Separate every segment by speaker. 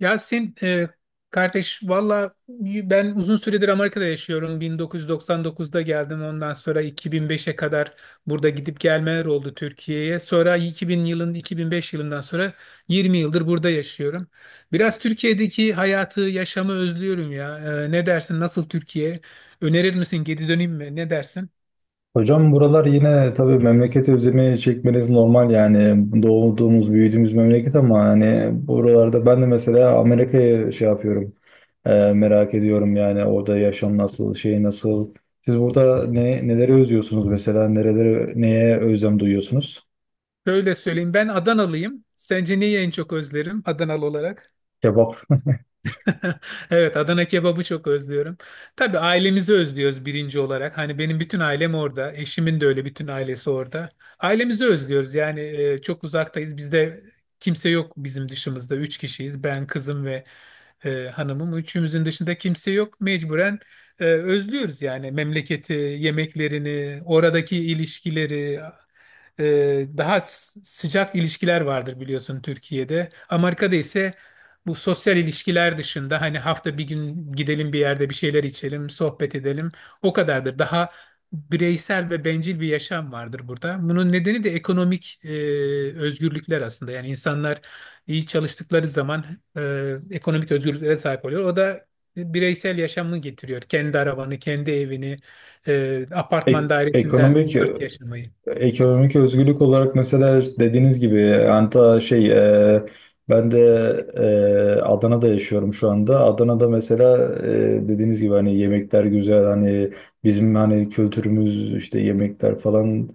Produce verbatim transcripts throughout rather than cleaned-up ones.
Speaker 1: Yasin e, kardeş, valla ben uzun süredir Amerika'da yaşıyorum. bin dokuz yüz doksan dokuzda geldim. Ondan sonra iki bin beşe kadar burada gidip gelmeler oldu Türkiye'ye. Sonra iki bin yılın iki bin beş yılından sonra yirmi yıldır burada yaşıyorum. Biraz Türkiye'deki hayatı, yaşamı özlüyorum ya. E, ne dersin? Nasıl Türkiye? Önerir misin? Geri döneyim mi? Ne dersin?
Speaker 2: Hocam buralar yine tabii memleketi özlemi çekmeniz normal yani doğduğumuz büyüdüğümüz memleket. Ama hani buralarda ben de mesela Amerika'ya şey yapıyorum, e, merak ediyorum yani orada yaşam nasıl, şey nasıl siz burada ne neleri özlüyorsunuz mesela, nereleri, neye özlem duyuyorsunuz?
Speaker 1: Şöyle söyleyeyim. Ben Adanalıyım. Sence neyi en çok özlerim Adanalı olarak?
Speaker 2: Kebap.
Speaker 1: Evet, Adana kebabı çok özlüyorum. Tabii ailemizi özlüyoruz birinci olarak. Hani benim bütün ailem orada. Eşimin de öyle bütün ailesi orada. Ailemizi özlüyoruz. Yani e, çok uzaktayız. Bizde kimse yok bizim dışımızda. Üç kişiyiz. Ben, kızım ve e, hanımım. Üçümüzün dışında kimse yok. Mecburen e, özlüyoruz yani memleketi, yemeklerini, oradaki ilişkileri. Ee, daha s- sıcak ilişkiler vardır biliyorsun Türkiye'de. Amerika'da ise bu sosyal ilişkiler dışında hani hafta bir gün gidelim, bir yerde bir şeyler içelim, sohbet edelim. O kadardır. Daha bireysel ve bencil bir yaşam vardır burada. Bunun nedeni de ekonomik e, özgürlükler aslında. Yani insanlar iyi çalıştıkları zaman e, ekonomik özgürlüklere sahip oluyor. O da bireysel yaşamını getiriyor. Kendi arabanı, kendi evini, e, apartman
Speaker 2: Ek-
Speaker 1: dairesinden
Speaker 2: ekonomik
Speaker 1: uzak yaşamayı.
Speaker 2: Ekonomik özgürlük olarak mesela dediğiniz gibi anta şey e, ben de e, Adana'da yaşıyorum şu anda. Adana'da mesela e, dediğiniz gibi hani yemekler güzel, hani bizim hani kültürümüz işte, yemekler falan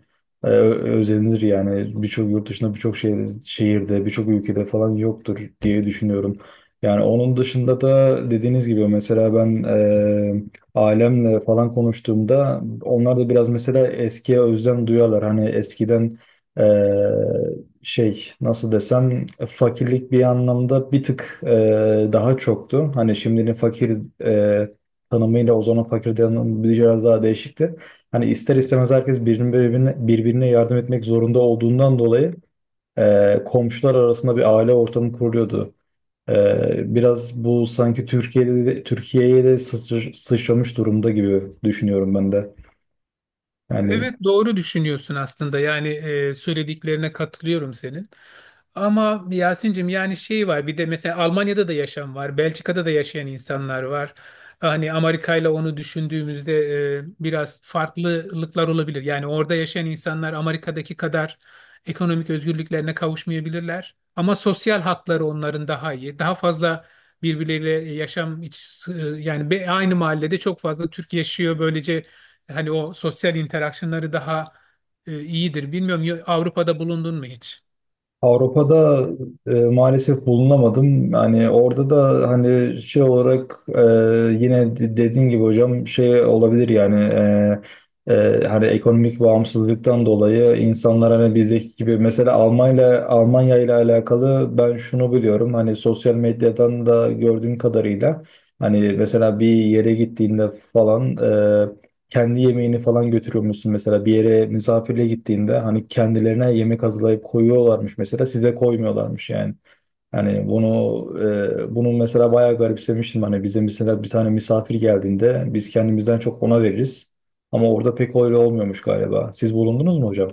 Speaker 2: e, ö- özenilir yani, birçok yurt dışında birçok şehir, şehirde, birçok ülkede falan yoktur diye düşünüyorum. Yani onun dışında da dediğiniz gibi mesela ben e, ailemle falan konuştuğumda onlar da biraz mesela eskiye özlem duyuyorlar. Hani eskiden eee, şey, nasıl desem, fakirlik bir anlamda bir tık eee, daha çoktu. Hani şimdinin fakir eee, tanımıyla o zaman fakir tanımı biraz daha değişikti. Hani ister istemez herkes birbirine, birbirine, birbirine yardım etmek zorunda olduğundan dolayı eee, komşular arasında bir aile ortamı kuruluyordu. Ee, biraz bu sanki Türkiye'de Türkiye'ye de sıçr- sıçramış durumda gibi düşünüyorum ben de. Yani
Speaker 1: Evet, doğru düşünüyorsun aslında. Yani e, söylediklerine katılıyorum senin. Ama Yasin'cim, yani şey var bir de, mesela Almanya'da da yaşam var, Belçika'da da yaşayan insanlar var. Hani Amerika ile onu düşündüğümüzde e, biraz farklılıklar olabilir. Yani orada yaşayan insanlar Amerika'daki kadar ekonomik özgürlüklerine kavuşmayabilirler. Ama sosyal hakları onların daha iyi. Daha fazla birbirleriyle yaşam, iç, ıı, yani be- aynı mahallede çok fazla Türk yaşıyor, böylece hani o sosyal interaksiyonları daha e, iyidir. Bilmiyorum, yo- Avrupa'da bulundun mu hiç?
Speaker 2: Avrupa'da e, maalesef bulunamadım. Yani orada da hani şey olarak, e, yine de- dediğin gibi hocam şey olabilir yani. E, e, hani ekonomik bağımsızlıktan dolayı insanlar hani bizdeki gibi, mesela Almanya Almanya ile alakalı ben şunu biliyorum, hani sosyal medyadan da gördüğüm kadarıyla, hani mesela bir yere gittiğinde falan e, kendi yemeğini falan götürüyor musun, mesela bir yere misafirle gittiğinde hani kendilerine yemek hazırlayıp koyuyorlarmış, mesela size koymuyorlarmış yani. Hani bunu e, bunu mesela bayağı garipsemiştim, hani bize mesela bir tane misafir geldiğinde biz kendimizden çok ona veririz ama orada pek öyle olmuyormuş galiba. Siz bulundunuz mu hocam?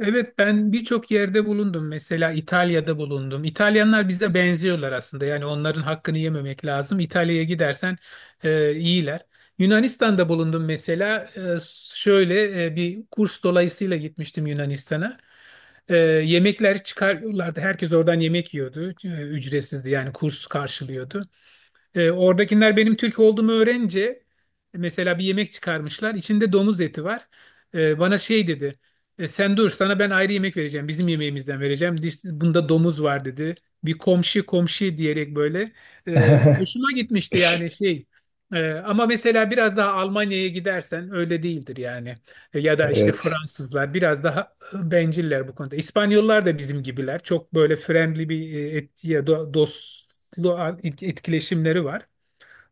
Speaker 1: Evet, ben birçok yerde bulundum. Mesela İtalya'da bulundum. İtalyanlar bize benziyorlar aslında. Yani onların hakkını yememek lazım. İtalya'ya gidersen e, iyiler. Yunanistan'da bulundum mesela. E, şöyle e, bir kurs dolayısıyla gitmiştim Yunanistan'a. E, yemekler çıkarıyorlardı. Herkes oradan yemek yiyordu. E, ücretsizdi yani, kurs karşılıyordu. E, oradakiler benim Türk olduğumu öğrenince mesela bir yemek çıkarmışlar, İçinde domuz eti var. E, bana şey dedi: "E, Sen dur, sana ben ayrı yemek vereceğim. Bizim yemeğimizden vereceğim. Dis- Bunda domuz var," dedi. Bir komşu komşu diyerek böyle. E, hoşuma gitmişti yani, şey. E, ama mesela biraz daha Almanya'ya gidersen öyle değildir yani. E, ya da işte
Speaker 2: Evet.
Speaker 1: Fransızlar biraz daha benciller bu konuda. İspanyollar da bizim gibiler. Çok böyle friendly bir e, et, ya do- dostlu et- etkileşimleri var.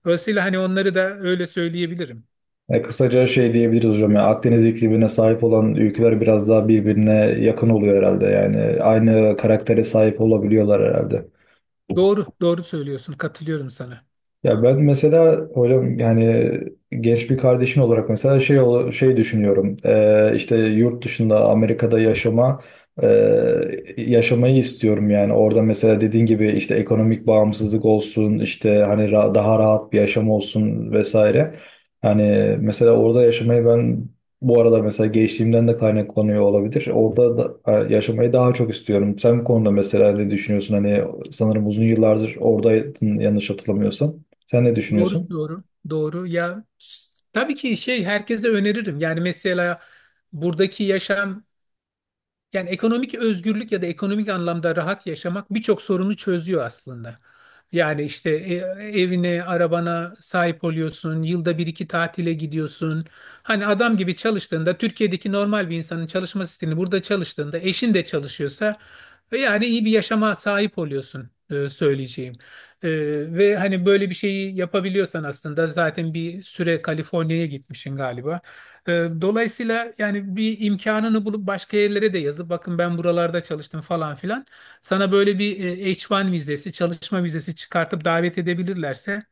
Speaker 1: Dolayısıyla hani onları da öyle söyleyebilirim.
Speaker 2: E, kısaca şey diyebiliriz hocam. Yani Akdeniz iklimine sahip olan ülkeler biraz daha birbirine yakın oluyor herhalde. Yani aynı karaktere sahip olabiliyorlar herhalde.
Speaker 1: Doğru, doğru söylüyorsun. Katılıyorum sana.
Speaker 2: Ya ben mesela hocam, yani genç bir kardeşin olarak mesela şey ola- şey düşünüyorum. Ee, işte yurt dışında Amerika'da yaşama e, yaşamayı istiyorum yani. Orada mesela dediğin gibi işte ekonomik bağımsızlık olsun, işte hani ra- daha rahat bir yaşam olsun vesaire. Hani mesela orada yaşamayı ben, bu arada mesela gençliğimden de kaynaklanıyor olabilir, orada da, e, yaşamayı daha çok istiyorum. Sen bu konuda mesela ne düşünüyorsun? Hani sanırım uzun yıllardır oradaydın, yanlış hatırlamıyorsam. Sen ne
Speaker 1: Doğru,
Speaker 2: düşünüyorsun?
Speaker 1: doğru, doğru. Ya, s- tabii ki şey, herkese öneririm. Yani mesela buradaki yaşam, yani ekonomik özgürlük ya da ekonomik anlamda rahat yaşamak birçok sorunu çözüyor aslında. Yani işte e, evine, arabana sahip oluyorsun, yılda bir iki tatile gidiyorsun. Hani adam gibi çalıştığında, Türkiye'deki normal bir insanın çalışma stilini burada çalıştığında, eşin de çalışıyorsa e, yani iyi bir yaşama sahip oluyorsun e, söyleyeceğim. E, Ve hani böyle bir şeyi yapabiliyorsan, aslında zaten bir süre Kaliforniya'ya gitmişsin galiba. Ee, Dolayısıyla yani bir imkanını bulup başka yerlere de yazıp, "Bakın, ben buralarda çalıştım," falan filan. Sana böyle bir e, H bir vizesi, çalışma vizesi çıkartıp davet edebilirlerse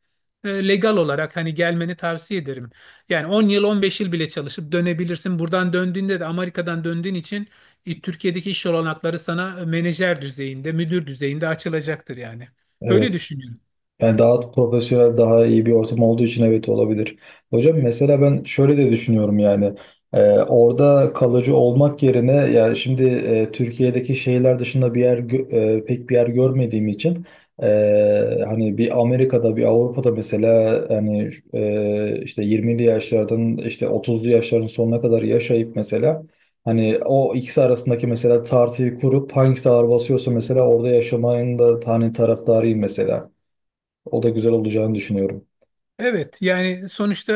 Speaker 1: e, legal olarak hani gelmeni tavsiye ederim. Yani on yıl, on beş yıl bile çalışıp dönebilirsin. Buradan döndüğünde de, Amerika'dan döndüğün için e, Türkiye'deki iş olanakları sana e, menajer düzeyinde, müdür düzeyinde açılacaktır yani. Öyle
Speaker 2: Evet.
Speaker 1: düşünüyorum.
Speaker 2: Yani daha profesyonel, daha iyi bir ortam olduğu için, evet, olabilir. Hocam mesela ben şöyle de düşünüyorum yani, e, orada kalıcı olmak yerine yani, şimdi e, Türkiye'deki şehirler dışında bir yer gö- e, pek bir yer görmediğim için, e, hani bir Amerika'da, bir Avrupa'da mesela, hani e, işte yirmili yaşlardan işte otuzlu yaşların sonuna kadar yaşayıp mesela, hani o ikisi arasındaki mesela tartıyı kurup hangisi ağır basıyorsa, mesela orada yaşamanın da hani taraftarıyım mesela. O da güzel olacağını düşünüyorum.
Speaker 1: Evet yani sonuçta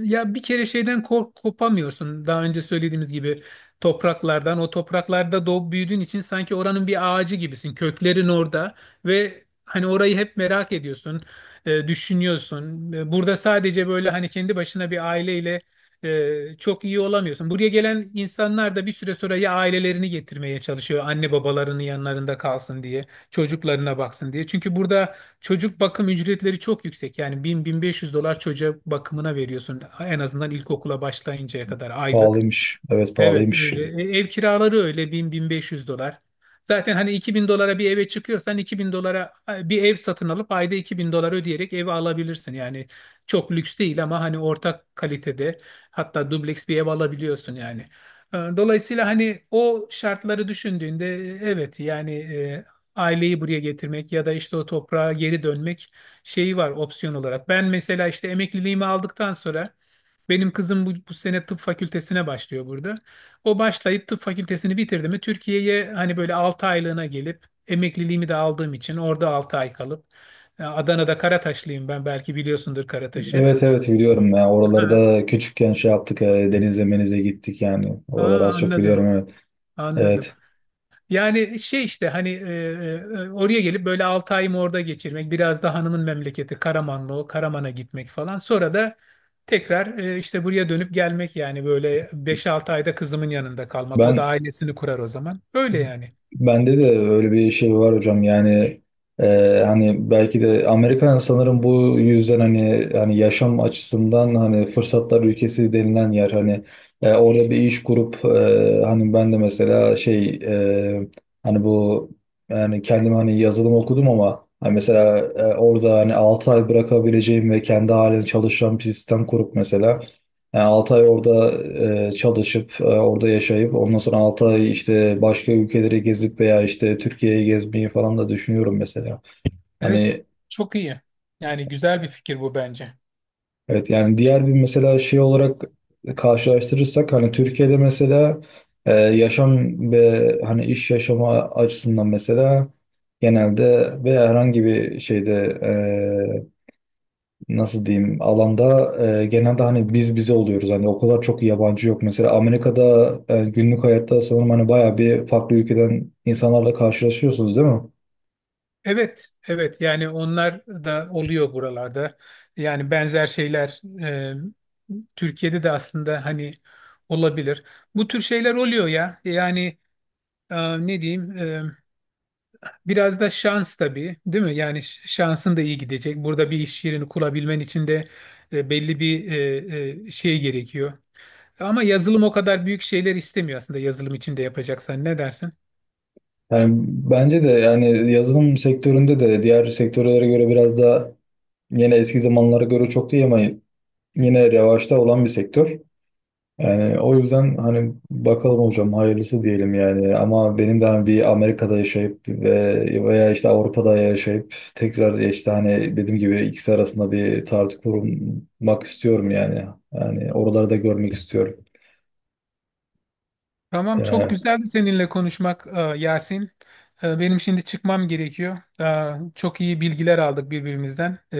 Speaker 1: e, ya bir kere şeyden kork kopamıyorsun. Daha önce söylediğimiz gibi, topraklardan, o topraklarda doğup büyüdüğün için sanki oranın bir ağacı gibisin. Köklerin orada ve hani orayı hep merak ediyorsun, e, düşünüyorsun. E, Burada sadece böyle hani kendi başına bir aileyle e, çok iyi olamıyorsun. Buraya gelen insanlar da bir süre sonra ya ailelerini getirmeye çalışıyor, anne babalarının yanlarında kalsın diye, çocuklarına baksın diye. Çünkü burada çocuk bakım ücretleri çok yüksek. Yani bin bin beş yüz dolar çocuğa, bakımına veriyorsun, en azından ilkokula başlayıncaya kadar, aylık.
Speaker 2: Pahalıymış. Evet,
Speaker 1: Evet,
Speaker 2: pahalıymış.
Speaker 1: öyle. E, Ev kiraları öyle, bin bin beş yüz dolar. Zaten hani iki bin dolara bir eve çıkıyorsan, iki bin dolara e, bir ev satın alıp ayda iki bin dolar ödeyerek evi alabilirsin. Yani çok lüks değil ama hani ortak kalitede, hatta dubleks bir ev alabiliyorsun yani. E, Dolayısıyla hani o şartları düşündüğünde e, evet, yani e, aileyi buraya getirmek ya da işte o toprağa geri dönmek şeyi var, opsiyon olarak. Ben mesela işte emekliliğimi aldıktan sonra, benim kızım bu, bu sene tıp fakültesine başlıyor burada. O başlayıp tıp fakültesini bitirdi mi, Türkiye'ye hani böyle altı aylığına gelip, emekliliğimi de aldığım için orada altı ay kalıp e, Adana'da, Karataşlıyım ben, belki biliyorsundur Karataş'ı.
Speaker 2: Evet, evet, biliyorum ya.
Speaker 1: Ha,
Speaker 2: Oralarda küçükken şey yaptık, e, denize menize gittik yani.
Speaker 1: aa,
Speaker 2: Oraları az çok biliyorum,
Speaker 1: anladım,
Speaker 2: evet.
Speaker 1: anladım.
Speaker 2: Evet.
Speaker 1: Yani şey işte, hani e, e, e, oraya gelip böyle altı ayımı orada geçirmek, biraz da hanımın memleketi Karamanlı, o Karaman'a gitmek falan, sonra da tekrar e, işte buraya dönüp gelmek, yani böyle beş altı ayda kızımın yanında kalmak, o da
Speaker 2: Ben
Speaker 1: ailesini kurar o zaman, öyle yani.
Speaker 2: Bende de öyle bir şey var hocam yani, e, hani belki de Amerika sanırım bu yüzden, hani hani yaşam açısından hani fırsatlar ülkesi denilen yer. Hani e, orada bir iş kurup, e, hani ben de mesela şey e, hani bu yani kendim hani yazılım okudum ama, hani mesela e, orada hani altı ay bırakabileceğim ve kendi halini çalışan bir sistem kurup mesela, yani altı ay orada e, çalışıp, e, orada yaşayıp, ondan sonra altı ay işte başka ülkeleri gezip veya işte Türkiye'yi gezmeyi falan da düşünüyorum mesela.
Speaker 1: Evet,
Speaker 2: Hani
Speaker 1: çok iyi. Yani güzel bir fikir bu bence.
Speaker 2: evet, yani diğer bir mesela şey olarak karşılaştırırsak, hani Türkiye'de mesela e, yaşam ve hani iş yaşama açısından mesela, genelde veya herhangi bir şeyde, e, nasıl diyeyim, alanda, e, genelde hani biz bize oluyoruz, hani o kadar çok yabancı yok. Mesela Amerika'da e, günlük hayatta sanırım hani bayağı bir farklı ülkeden insanlarla karşılaşıyorsunuz, değil mi?
Speaker 1: Evet, evet. Yani onlar da oluyor buralarda. Yani benzer şeyler e, Türkiye'de de aslında hani olabilir. Bu tür şeyler oluyor ya. Yani e, ne diyeyim? E, biraz da şans tabii, değil mi? Yani ş- şansın da iyi gidecek. Burada bir iş yerini kurabilmen için de e, belli bir e, e, şey gerekiyor. Ama yazılım o kadar büyük şeyler istemiyor aslında. Yazılım içinde yapacaksan, ne dersin?
Speaker 2: Yani bence de yani yazılım sektöründe de diğer sektörlere göre biraz da, yine eski zamanlara göre çok değil ama, yine revaçta olan bir sektör. Yani o yüzden hani bakalım hocam, hayırlısı diyelim yani. Ama benim de hani bir Amerika'da yaşayıp ve veya işte Avrupa'da yaşayıp tekrar, işte hani dediğim gibi ikisi arasında bir tartı kurmak istiyorum yani. Yani oraları da görmek istiyorum.
Speaker 1: Tamam, çok
Speaker 2: Ee,
Speaker 1: güzeldi seninle konuşmak e, Yasin. E, Benim şimdi çıkmam gerekiyor. E, Çok iyi bilgiler aldık birbirimizden. E,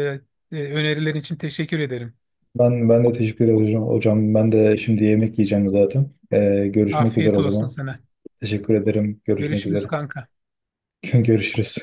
Speaker 1: e, Önerilerin için teşekkür ederim.
Speaker 2: ben ben de teşekkür ederim hocam. Hocam ben de şimdi yemek yiyeceğim zaten. Ee, görüşmek üzere
Speaker 1: Afiyet
Speaker 2: o
Speaker 1: olsun
Speaker 2: zaman.
Speaker 1: sana.
Speaker 2: Teşekkür ederim. Görüşmek
Speaker 1: Görüşürüz
Speaker 2: üzere.
Speaker 1: kanka.
Speaker 2: Görüşürüz.